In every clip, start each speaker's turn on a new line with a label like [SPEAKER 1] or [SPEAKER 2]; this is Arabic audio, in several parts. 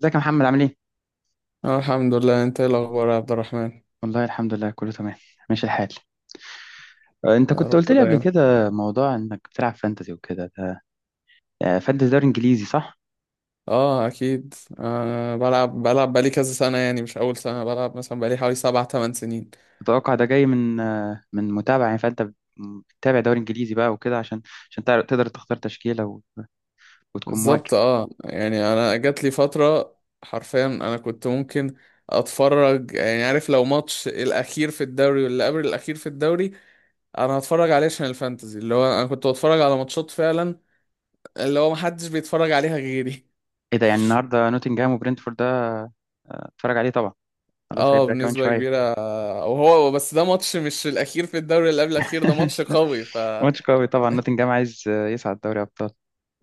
[SPEAKER 1] ازيك يا محمد، عامل ايه؟
[SPEAKER 2] اه الحمد لله. انت ايه الاخبار يا عبد الرحمن؟
[SPEAKER 1] والله الحمد لله، كله تمام. ماشي الحال. انت
[SPEAKER 2] يا
[SPEAKER 1] كنت
[SPEAKER 2] رب
[SPEAKER 1] قلت لي قبل
[SPEAKER 2] دايما.
[SPEAKER 1] كده موضوع انك بتلعب فانتزي وكده ده. فانتزي دوري انجليزي صح؟
[SPEAKER 2] اه اكيد. بلعب بقالي كذا سنه، يعني مش اول سنه بلعب، مثلا بقالي حوالي 7 8 سنين.
[SPEAKER 1] اتوقع ده جاي من من متابعة، يعني فانت بتتابع دوري انجليزي بقى وكده، عشان تقدر تختار تشكيلة وتكون مواكب.
[SPEAKER 2] بالظبط اه. يعني انا جات لي فتره حرفيا انا كنت ممكن اتفرج، يعني عارف، لو ماتش الاخير في الدوري واللي قبل الاخير في الدوري انا هتفرج عليه عشان الفانتزي، اللي هو انا كنت بتفرج على ماتشات فعلا اللي هو محدش بيتفرج عليها غيري.
[SPEAKER 1] ايه ده؟ يعني النهارده نوتنجهام وبرنتفورد ده. آه، اتفرج عليه طبعا، خلاص
[SPEAKER 2] اه
[SPEAKER 1] هيبدأ كمان
[SPEAKER 2] بنسبة
[SPEAKER 1] شوية.
[SPEAKER 2] كبيرة. وهو بس ده ماتش، مش الأخير في الدوري اللي قبل الأخير، ده ماتش قوي، ف
[SPEAKER 1] ماتش قوي طبعا، نوتنجهام عايز يصعد دوري ابطال.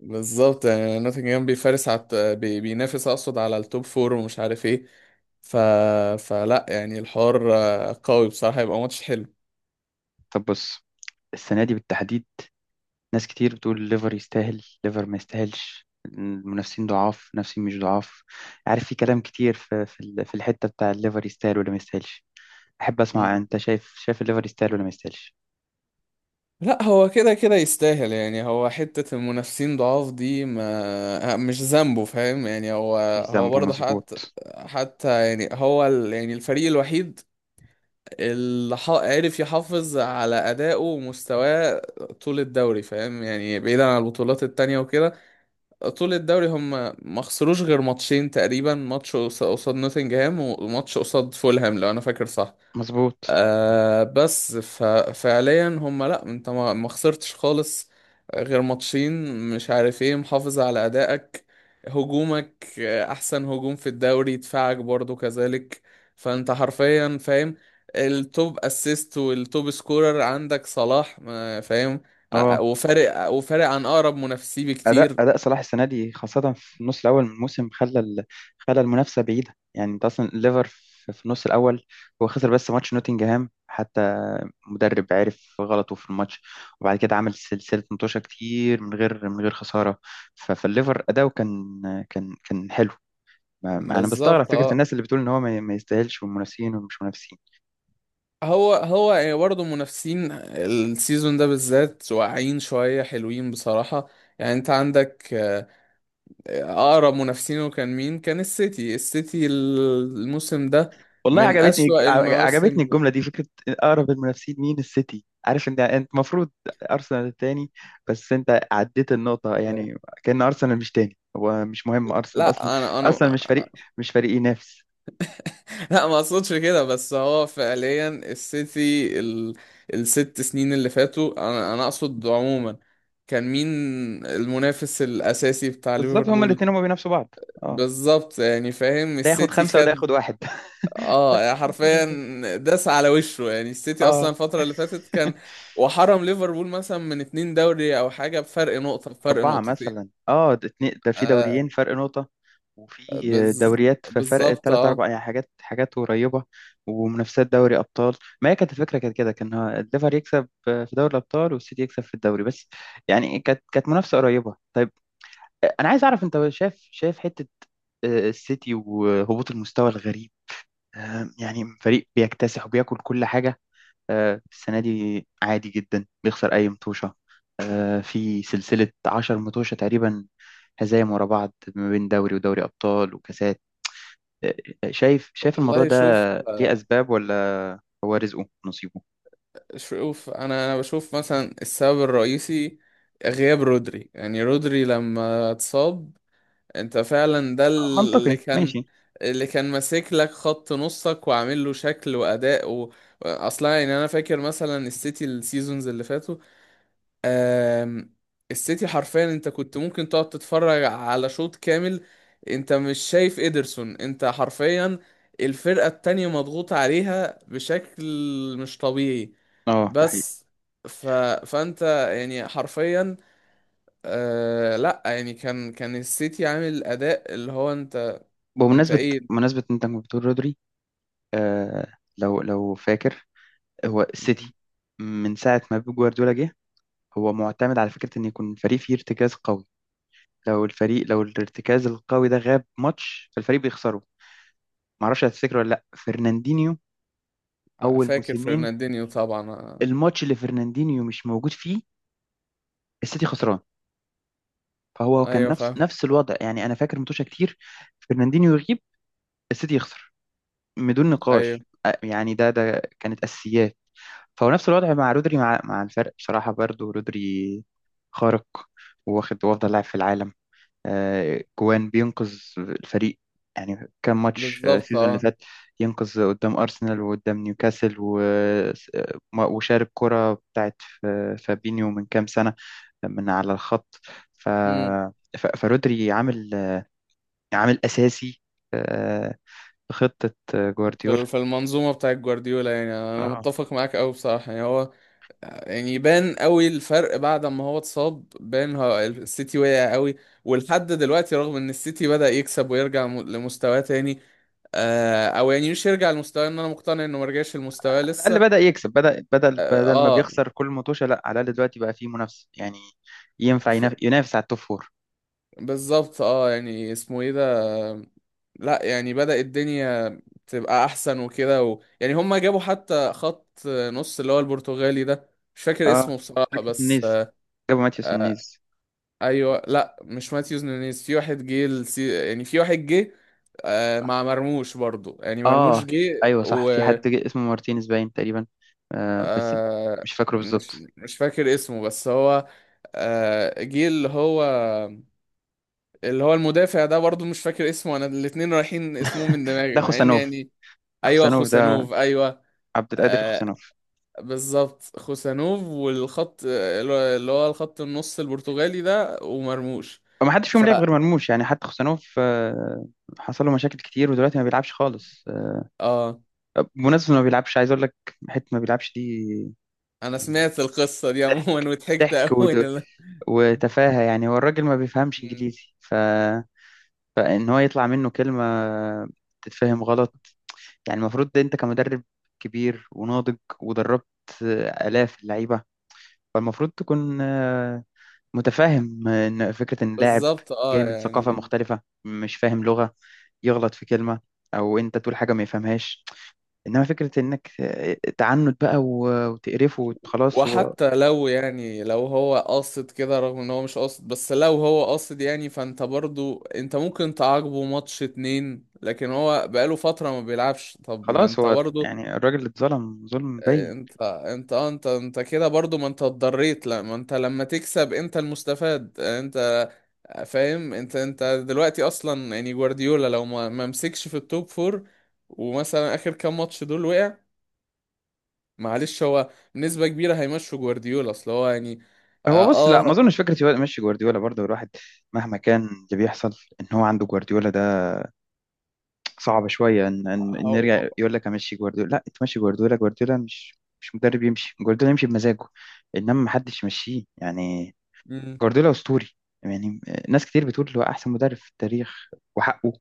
[SPEAKER 2] بالظبط. يعني نوتنجهام بيفارس على بينافس أقصد على التوب فور ومش عارف ايه. ف... فلا يعني الحوار قوي بصراحة، يبقى ماتش حلو.
[SPEAKER 1] طب بص، السنة دي بالتحديد ناس كتير بتقول ليفر يستاهل، ليفر ما يستاهلش، المنافسين ضعاف، منافسين مش ضعاف. عارف، في كلام كتير في الحتة بتاع الليفر يستاهل ولا ما يستاهلش. أحب أسمع
[SPEAKER 2] مم.
[SPEAKER 1] أنت، شايف الليفر يستاهل ولا ما يستاهلش؟
[SPEAKER 2] لا هو كده كده يستاهل. يعني هو حتة المنافسين ضعاف دي ما مش ذنبه، فاهم يعني؟ هو
[SPEAKER 1] مش
[SPEAKER 2] هو
[SPEAKER 1] ذنبه،
[SPEAKER 2] برضه حتى
[SPEAKER 1] مظبوط.
[SPEAKER 2] حتى يعني يعني الفريق الوحيد اللي عرف يحافظ على أدائه ومستواه طول الدوري، فاهم يعني، بعيدا عن البطولات التانية وكده. طول الدوري هم ما خسروش غير ماتشين تقريبا، ماتش قصاد نوتنجهام وماتش قصاد فولهام، لو أنا فاكر صح.
[SPEAKER 1] مظبوط،
[SPEAKER 2] آه بس ف- فعليا هم، لا انت ما خسرتش خالص غير ماتشين، مش عارف ايه، محافظ على ادائك، هجومك احسن هجوم في الدوري، دفاعك برضو كذلك، فانت حرفيا، فاهم، التوب اسيست والتوب سكورر عندك صلاح، فاهم.
[SPEAKER 1] اه.
[SPEAKER 2] وفارق عن اقرب منافسيه
[SPEAKER 1] أداء
[SPEAKER 2] بكتير.
[SPEAKER 1] أداء صلاح السنة دي خاصة في النص الأول من الموسم خلى المنافسة بعيدة. يعني أنت أصلا الليفر في النص الأول هو خسر بس ماتش نوتنجهام حتى، مدرب عرف غلطه في الماتش، وبعد كده عمل سلسلة متوشة كتير من غير خسارة. فالليفر أداؤه كان، كان حلو. أنا بستغرب
[SPEAKER 2] بالظبط
[SPEAKER 1] فكرة
[SPEAKER 2] اه.
[SPEAKER 1] الناس اللي بتقول إن هو ما يستاهلش والمنافسين ومش منافسين.
[SPEAKER 2] هو يعني برضه منافسين السيزون ده بالذات واقعين شوية، حلوين بصراحة. يعني انت عندك اقرب منافسينه كان مين؟ كان السيتي. السيتي الموسم ده
[SPEAKER 1] والله
[SPEAKER 2] من أسوأ
[SPEAKER 1] عجبتني
[SPEAKER 2] المواسم.
[SPEAKER 1] الجملة دي، فكرة أقرب المنافسين مين؟ السيتي. عارف انت، المفروض ارسنال التاني، بس انت عديت النقطة
[SPEAKER 2] آه،
[SPEAKER 1] يعني، كأن ارسنال مش تاني، هو مش مهم ارسنال اصلا.
[SPEAKER 2] لا انا
[SPEAKER 1] اصلا مش فريق مش فريق ينافس.
[SPEAKER 2] لا ما اقصدش كده، بس هو فعليا السيتي الست سنين اللي فاتوا، انا اقصد عموما، كان مين المنافس الاساسي بتاع
[SPEAKER 1] بالظبط هما
[SPEAKER 2] ليفربول؟
[SPEAKER 1] الاتنين هما بينافسوا بعض. اه،
[SPEAKER 2] بالظبط. يعني فاهم،
[SPEAKER 1] ده ياخد
[SPEAKER 2] السيتي
[SPEAKER 1] خمسة وده
[SPEAKER 2] خد
[SPEAKER 1] ياخد واحد.
[SPEAKER 2] اه، يعني حرفيا داس على وشه. يعني السيتي اصلا
[SPEAKER 1] اه،
[SPEAKER 2] الفترة اللي فاتت كان، وحرم ليفربول مثلا من 2 دوري او حاجة، بفرق نقطة، بفرق
[SPEAKER 1] أربعة
[SPEAKER 2] نقطتين.
[SPEAKER 1] مثلا، اه ده اتنين، ده في
[SPEAKER 2] آه
[SPEAKER 1] دوريين فرق نقطة، وفي
[SPEAKER 2] بز...
[SPEAKER 1] دوريات في فرق
[SPEAKER 2] بالظبط
[SPEAKER 1] تلات
[SPEAKER 2] اه.
[SPEAKER 1] أربع، يعني حاجات حاجات قريبة. ومنافسات دوري أبطال. ما هي كانت الفكرة كانت كده، كان الليفر يكسب في دوري الأبطال والسيتي يكسب في الدوري بس. يعني كانت منافسة قريبة. طيب، أنا عايز أعرف أنت، شايف حتة السيتي وهبوط المستوى الغريب، يعني فريق بيكتسح وبياكل كل حاجة، السنة دي عادي جدا بيخسر أي مطوشة، في سلسلة 10 مطوشة تقريبا، هزايم ورا بعض ما بين دوري ودوري أبطال وكاسات. آه، شايف الموضوع
[SPEAKER 2] والله
[SPEAKER 1] ده،
[SPEAKER 2] شوف
[SPEAKER 1] ليه
[SPEAKER 2] آه.
[SPEAKER 1] أسباب ولا هو رزقه نصيبه؟
[SPEAKER 2] شوف، انا بشوف مثلا السبب الرئيسي غياب رودري. يعني رودري لما اتصاب، انت فعلا ده
[SPEAKER 1] منطقي
[SPEAKER 2] اللي كان،
[SPEAKER 1] ماشي.
[SPEAKER 2] اللي كان ماسك لك خط نصك وعامل له شكل واداء اصلا يعني انا فاكر مثلا السيتي السيزونز اللي فاتوا، آم، السيتي حرفيا انت كنت ممكن تقعد تتفرج على شوط كامل انت مش شايف ادرسون. انت حرفيا الفرقة التانية مضغوط عليها بشكل مش طبيعي.
[SPEAKER 1] اه، ده حقيقي.
[SPEAKER 2] بس ف... فانت يعني حرفيا، لا يعني كان السيتي عامل اداء اللي هو انت، انت
[SPEAKER 1] بمناسبة
[SPEAKER 2] ايه.
[SPEAKER 1] بمناسبة إن أنت كنت بتقول رودري، لو فاكر، هو السيتي من ساعة ما بيب جوارديولا جه، هو معتمد على فكرة إن يكون فريق فيه ارتكاز قوي. لو الارتكاز القوي ده غاب ماتش، فالفريق بيخسره. معرفش هتفتكره ولا لا، فرناندينيو، اول
[SPEAKER 2] فاكر
[SPEAKER 1] موسمين،
[SPEAKER 2] فرناندينيو طبعا
[SPEAKER 1] الماتش اللي فرناندينيو مش موجود فيه السيتي خسران. فهو كان
[SPEAKER 2] ايوه
[SPEAKER 1] نفس
[SPEAKER 2] فاهم.
[SPEAKER 1] نفس الوضع. يعني انا فاكر متوشه كتير فرناندينيو يغيب السيتي يخسر بدون
[SPEAKER 2] ايوه
[SPEAKER 1] نقاش. يعني ده كانت اساسيات. فهو نفس الوضع مع رودري، مع الفرق. بصراحه برضو رودري خارق، واخد وافضل لاعب في العالم. جوان بينقذ الفريق. يعني كان ماتش
[SPEAKER 2] بالظبط
[SPEAKER 1] السيزون اللي
[SPEAKER 2] اه.
[SPEAKER 1] فات، ينقذ قدام أرسنال وقدام نيوكاسل وشارك كرة بتاعت ف- فابينيو من كام سنة، من على الخط. ف... فرودري عامل أساسي آه، في خطة جوارديولا.
[SPEAKER 2] في المنظومة بتاعت جوارديولا. يعني أنا
[SPEAKER 1] اه،
[SPEAKER 2] متفق معاك أوي بصراحة. يعني هو يعني يبان أوي الفرق بعد ما هو اتصاب، بان هو السيتي وقع أوي. ولحد دلوقتي رغم إن السيتي بدأ يكسب ويرجع لمستواه تاني، أو يعني مش يرجع لمستواه، إن أنا مقتنع إنه مرجعش لمستواه
[SPEAKER 1] على الأقل
[SPEAKER 2] لسه.
[SPEAKER 1] بدأ يكسب، بدل
[SPEAKER 2] آه.
[SPEAKER 1] بدل ما
[SPEAKER 2] آه،
[SPEAKER 1] بيخسر كل مطوشة. لا، على الأقل دلوقتي بقى فيه منافسة، يعني ينفع
[SPEAKER 2] ف...
[SPEAKER 1] ينافس على التوب فور.
[SPEAKER 2] بالظبط آه. يعني اسمه إيه ده، آه، لأ يعني بدأ الدنيا تبقى أحسن وكده يعني هما جابوا حتى خط نص اللي هو البرتغالي ده، مش فاكر
[SPEAKER 1] اه،
[SPEAKER 2] اسمه بصراحة
[SPEAKER 1] ماتيوس
[SPEAKER 2] بس
[SPEAKER 1] النيز، جابوا ماتيوس
[SPEAKER 2] آه،
[SPEAKER 1] النيز.
[SPEAKER 2] ايوه لا مش ماتيوز نونيز، في واحد جه يعني في واحد جه مع مرموش برضو. يعني مرموش
[SPEAKER 1] اه
[SPEAKER 2] جه
[SPEAKER 1] ايوه صح،
[SPEAKER 2] و
[SPEAKER 1] في حد جه اسمه مارتينيز باين تقريبا. بس
[SPEAKER 2] آه،
[SPEAKER 1] مش فاكره
[SPEAKER 2] مش
[SPEAKER 1] بالظبط.
[SPEAKER 2] فاكر اسمه، بس هو جه اللي هو، اللي هو المدافع ده برضو مش فاكر اسمه انا، الاتنين رايحين اسمهم من دماغي
[SPEAKER 1] ده
[SPEAKER 2] مع ان
[SPEAKER 1] خوسانوف.
[SPEAKER 2] يعني، ايوه
[SPEAKER 1] خوسانوف ده
[SPEAKER 2] خوسانوف ايوه.
[SPEAKER 1] عبد القادر
[SPEAKER 2] آه
[SPEAKER 1] خوسانوف.
[SPEAKER 2] بالظبط، خوسانوف والخط اللي هو الخط النص البرتغالي ده ومرموش.
[SPEAKER 1] وما حدش فيهم
[SPEAKER 2] ف
[SPEAKER 1] لعب غير مرموش، يعني حتى خوسانوف حصل له مشاكل كتير ودلوقتي ما بيلعبش خالص.
[SPEAKER 2] اه.
[SPEAKER 1] بمناسبة إنه ما بيلعبش، عايز اقول لك حتة ما بيلعبش دي.
[SPEAKER 2] انا سمعت القصة دي عموما
[SPEAKER 1] ضحك
[SPEAKER 2] وضحكت
[SPEAKER 1] ضحك
[SPEAKER 2] قوي.
[SPEAKER 1] وتفاهة. يعني هو الراجل ما بيفهمش
[SPEAKER 2] مم.
[SPEAKER 1] انجليزي، ف فان هو يطلع منه كلمة تتفهم غلط. يعني المفروض ده، انت كمدرب كبير وناضج، ودربت آلاف اللعيبة، فالمفروض تكون متفاهم ان فكرة ان لاعب
[SPEAKER 2] بالظبط
[SPEAKER 1] جاي
[SPEAKER 2] اه.
[SPEAKER 1] من ثقافة
[SPEAKER 2] يعني
[SPEAKER 1] مختلفة مش فاهم لغة يغلط في كلمة، او انت تقول حاجة ما يفهمهاش. انما فكرة انك تعنت بقى وتقرفه خلاص هو،
[SPEAKER 2] وحتى لو، يعني لو هو قاصد كده، رغم ان هو مش قاصد، بس لو هو قاصد، يعني فانت برضو انت ممكن تعاقبه ماتش اتنين، لكن هو بقاله فترة ما بيلعبش، طب ما انت برضو
[SPEAKER 1] يعني الراجل اتظلم ظلم باين.
[SPEAKER 2] انت انت اه انت انت كده برضو ما انت اتضريت. لا ما انت لما تكسب انت المستفاد انت، فاهم. انت دلوقتي اصلا، يعني جوارديولا لو ما مسكش في التوب فور ومثلا اخر كام ماتش دول وقع، معلش هو بنسبة كبيرة هيمشوا جوارديولا. اصل هو يعني،
[SPEAKER 1] هو
[SPEAKER 2] اه
[SPEAKER 1] بص، لا ما
[SPEAKER 2] اه.
[SPEAKER 1] اظنش فكرة يمشي جوارديولا برضه. الواحد مهما كان اللي بيحصل، ان هو عنده جوارديولا ده، صعب شويه ان إن نرجع
[SPEAKER 2] هو-
[SPEAKER 1] يقول لك امشي جوارديولا. لا، تمشي جوارديولا، جوارديولا مش مدرب يمشي، جوارديولا يمشي بمزاجه، انما ما حدش يمشيه يعني.
[SPEAKER 2] مم،
[SPEAKER 1] جوارديولا اسطوري يعني، ناس كتير بتقول هو احسن مدرب في التاريخ، وحقه.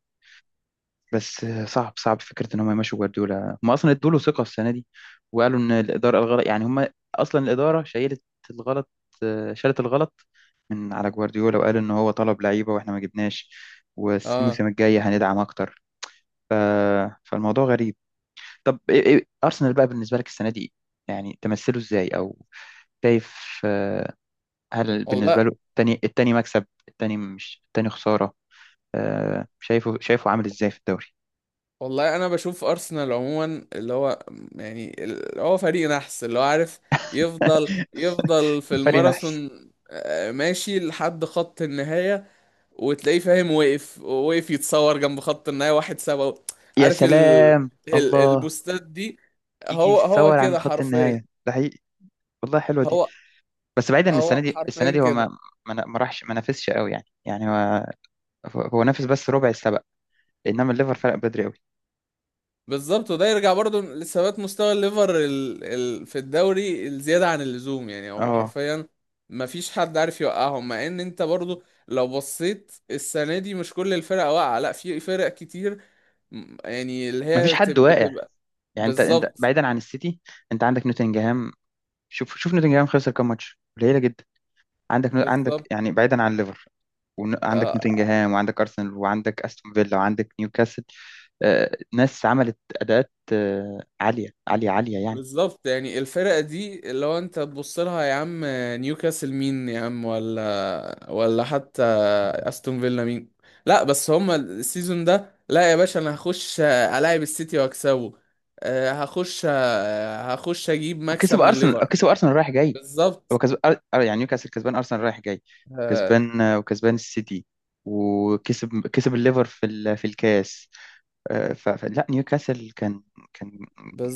[SPEAKER 1] بس صعب، صعب فكره ان هم يمشوا جوارديولا، هم اصلا ادوا له ثقه السنه دي، وقالوا ان الاداره الغلط. يعني هم اصلا الاداره شيلت الغلط، شالت الغلط من على جوارديولا، وقالوا ان هو طلب لعيبه واحنا ما جبناش،
[SPEAKER 2] اه
[SPEAKER 1] والموسم الجاي هندعم اكتر. ف... فالموضوع غريب. طب إيه، ارسنال بقى بالنسبه لك السنه دي إيه؟ يعني تمثله ازاي، او شايف آه، هل بالنسبه
[SPEAKER 2] والله،
[SPEAKER 1] له التاني، مكسب التاني مش التاني خساره؟ شايفه عامل ازاي في الدوري؟
[SPEAKER 2] والله انا بشوف ارسنال عموما اللي هو، يعني اللي هو فريق نحس، اللي هو عارف يفضل في
[SPEAKER 1] فريق نحس.
[SPEAKER 2] الماراثون، ماشي لحد خط النهاية، وتلاقيه فاهم وقف يتصور جنب خط النهاية 1-7.
[SPEAKER 1] يا
[SPEAKER 2] عارف
[SPEAKER 1] سلام الله،
[SPEAKER 2] البوستات دي.
[SPEAKER 1] يجي
[SPEAKER 2] هو
[SPEAKER 1] يتصور عند
[SPEAKER 2] كده
[SPEAKER 1] خط
[SPEAKER 2] حرفيا.
[SPEAKER 1] النهايه، ده حقيقي، والله حلوه دي.
[SPEAKER 2] هو
[SPEAKER 1] بس بعيدا ان السنه
[SPEAKER 2] هو
[SPEAKER 1] دي،
[SPEAKER 2] حرفيا
[SPEAKER 1] هو
[SPEAKER 2] كده.
[SPEAKER 1] ما راحش، ما نافسش قوي. يعني هو نافس بس ربع السبق، انما الليفر فرق بدري قوي.
[SPEAKER 2] بالظبط. وده يرجع برضو لثبات مستوى الليفر في الدوري الزيادة عن اللزوم. يعني هو
[SPEAKER 1] اه،
[SPEAKER 2] حرفيا ما فيش حد عارف يوقعهم، مع ان انت برضو لو بصيت السنة دي مش كل الفرق واقعة، لا في فرق كتير، يعني اللي
[SPEAKER 1] ما فيش
[SPEAKER 2] هي
[SPEAKER 1] حد واقع.
[SPEAKER 2] بتبقى
[SPEAKER 1] يعني انت
[SPEAKER 2] بالظبط.
[SPEAKER 1] بعيدا عن السيتي، انت عندك نوتنجهام. شوف شوف نوتنجهام خسر كام ماتش؟ قليله جدا. عندك،
[SPEAKER 2] بالظبط
[SPEAKER 1] يعني بعيدا عن ليفر، وعندك
[SPEAKER 2] آه،
[SPEAKER 1] نوتنجهام وعندك ارسنال وعندك استون فيلا وعندك نيوكاسل. ناس عملت اداءات عاليه عاليه عاليه يعني.
[SPEAKER 2] بالظبط. يعني الفرقة دي لو انت تبص لها يا عم، نيوكاسل مين يا عم، ولا حتى استون فيلا مين. لا بس هما السيزون ده، لا يا باشا انا هخش الاعب السيتي واكسبه. هخش، هخش اجيب مكسب
[SPEAKER 1] وكسب
[SPEAKER 2] من
[SPEAKER 1] ارسنال
[SPEAKER 2] ليفر.
[SPEAKER 1] كسب ارسنال رايح جاي، هو
[SPEAKER 2] بالظبط.
[SPEAKER 1] كسب. يعني نيوكاسل كسبان، ارسنال رايح جاي
[SPEAKER 2] آه،
[SPEAKER 1] كسبان، وكسبان السيتي. وكسب الليفر في الكاس. فلا نيوكاسل كان، كان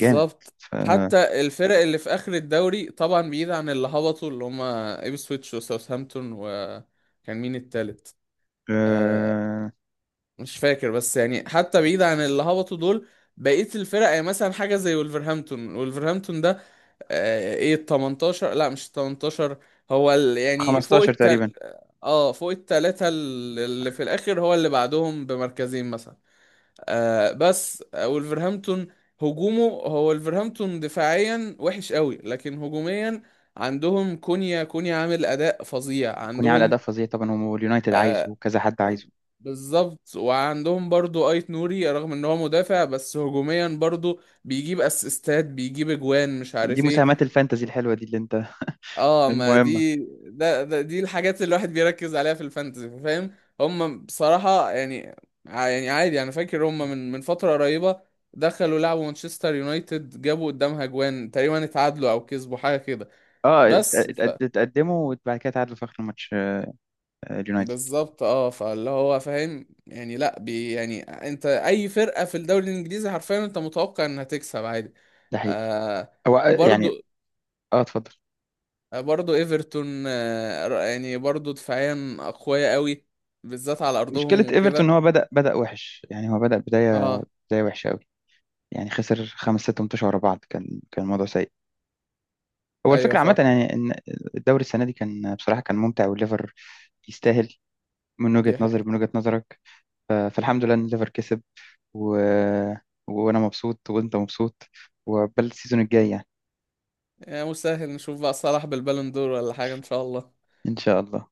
[SPEAKER 1] جامد.
[SPEAKER 2] حتى الفرق اللي في اخر الدوري، طبعا بعيد عن اللي هبطوا اللي هما ايبسويتش وساوثهامبتون، وكان مين التالت؟ آه،
[SPEAKER 1] آه،
[SPEAKER 2] مش فاكر، بس يعني حتى بعيد عن اللي هبطوا دول، بقية الفرق يعني مثلا حاجة زي ولفرهامبتون. ولفرهامبتون ده، آه ايه ال 18، لا مش 18، هو ال يعني فوق
[SPEAKER 1] 15 تقريبا.
[SPEAKER 2] التل، اه فوق التلاتة اللي في الآخر، هو اللي بعدهم بمركزين مثلا. آه بس آه، ولفرهامبتون هجومه، هو ولفرهامبتون دفاعيا وحش قوي، لكن هجوميا عندهم كونيا. كونيا عامل أداء فظيع
[SPEAKER 1] يكون يعني على
[SPEAKER 2] عندهم.
[SPEAKER 1] أداء فظيع طبعا. هو اليونايتد عايزه
[SPEAKER 2] آه،
[SPEAKER 1] وكذا حد عايزه.
[SPEAKER 2] بالظبط. وعندهم برضو ايت نوري، رغم ان هو مدافع، بس هجوميا برضو بيجيب اسيستات بيجيب اجوان مش
[SPEAKER 1] دي
[SPEAKER 2] عارف ايه.
[SPEAKER 1] مساهمات الفانتزي الحلوة دي اللي انت
[SPEAKER 2] اه ما
[SPEAKER 1] المهمة.
[SPEAKER 2] دي، ده, ده دي الحاجات اللي الواحد بيركز عليها في الفانتزي، فاهم. هم بصراحة، يعني، يعني عادي انا فاكر هم من فترة قريبة دخلوا لعبوا مانشستر يونايتد، جابوا قدامها اجوان تقريبا، اتعادلوا او كسبوا حاجة كده
[SPEAKER 1] اه
[SPEAKER 2] بس.
[SPEAKER 1] تقدموا وبعد كده تعادلوا في آخر الماتش، اليونايتد.
[SPEAKER 2] بالظبط اه. فاللي هو فاهم يعني، لا بي يعني، انت اي فرقه في الدوري الانجليزي حرفيا انت متوقع انها تكسب عادي.
[SPEAKER 1] ده حقيقي.
[SPEAKER 2] آه.
[SPEAKER 1] هو
[SPEAKER 2] برضو،
[SPEAKER 1] يعني. اه، اتفضل.
[SPEAKER 2] برضو ايفرتون يعني برضو دفاعيا اقوياء قوي، بالذات على
[SPEAKER 1] مشكلة
[SPEAKER 2] ارضهم وكده.
[SPEAKER 1] ايفرتون ان هو بدأ وحش. يعني هو بدأ
[SPEAKER 2] اه
[SPEAKER 1] بداية وحشة قوي، يعني خسر خمس ست ماتشات ورا بعض. كان الموضوع سيء. هو
[SPEAKER 2] ايوه
[SPEAKER 1] الفكرة عامة
[SPEAKER 2] فاهم.
[SPEAKER 1] يعني، ان الدوري السنة دي كان بصراحة كان ممتع. والليفر يستاهل، من وجهة
[SPEAKER 2] دي
[SPEAKER 1] نظري،
[SPEAKER 2] حقيقة.
[SPEAKER 1] من وجهة نظرك. فالحمد لله ان الليفر كسب. و... وانا مبسوط وانت مبسوط، وعقبال السيزون الجاي يعني،
[SPEAKER 2] يعني مش سهل نشوف بقى صلاح بالبالون دور ولا حاجه ان شاء الله.
[SPEAKER 1] ان شاء الله.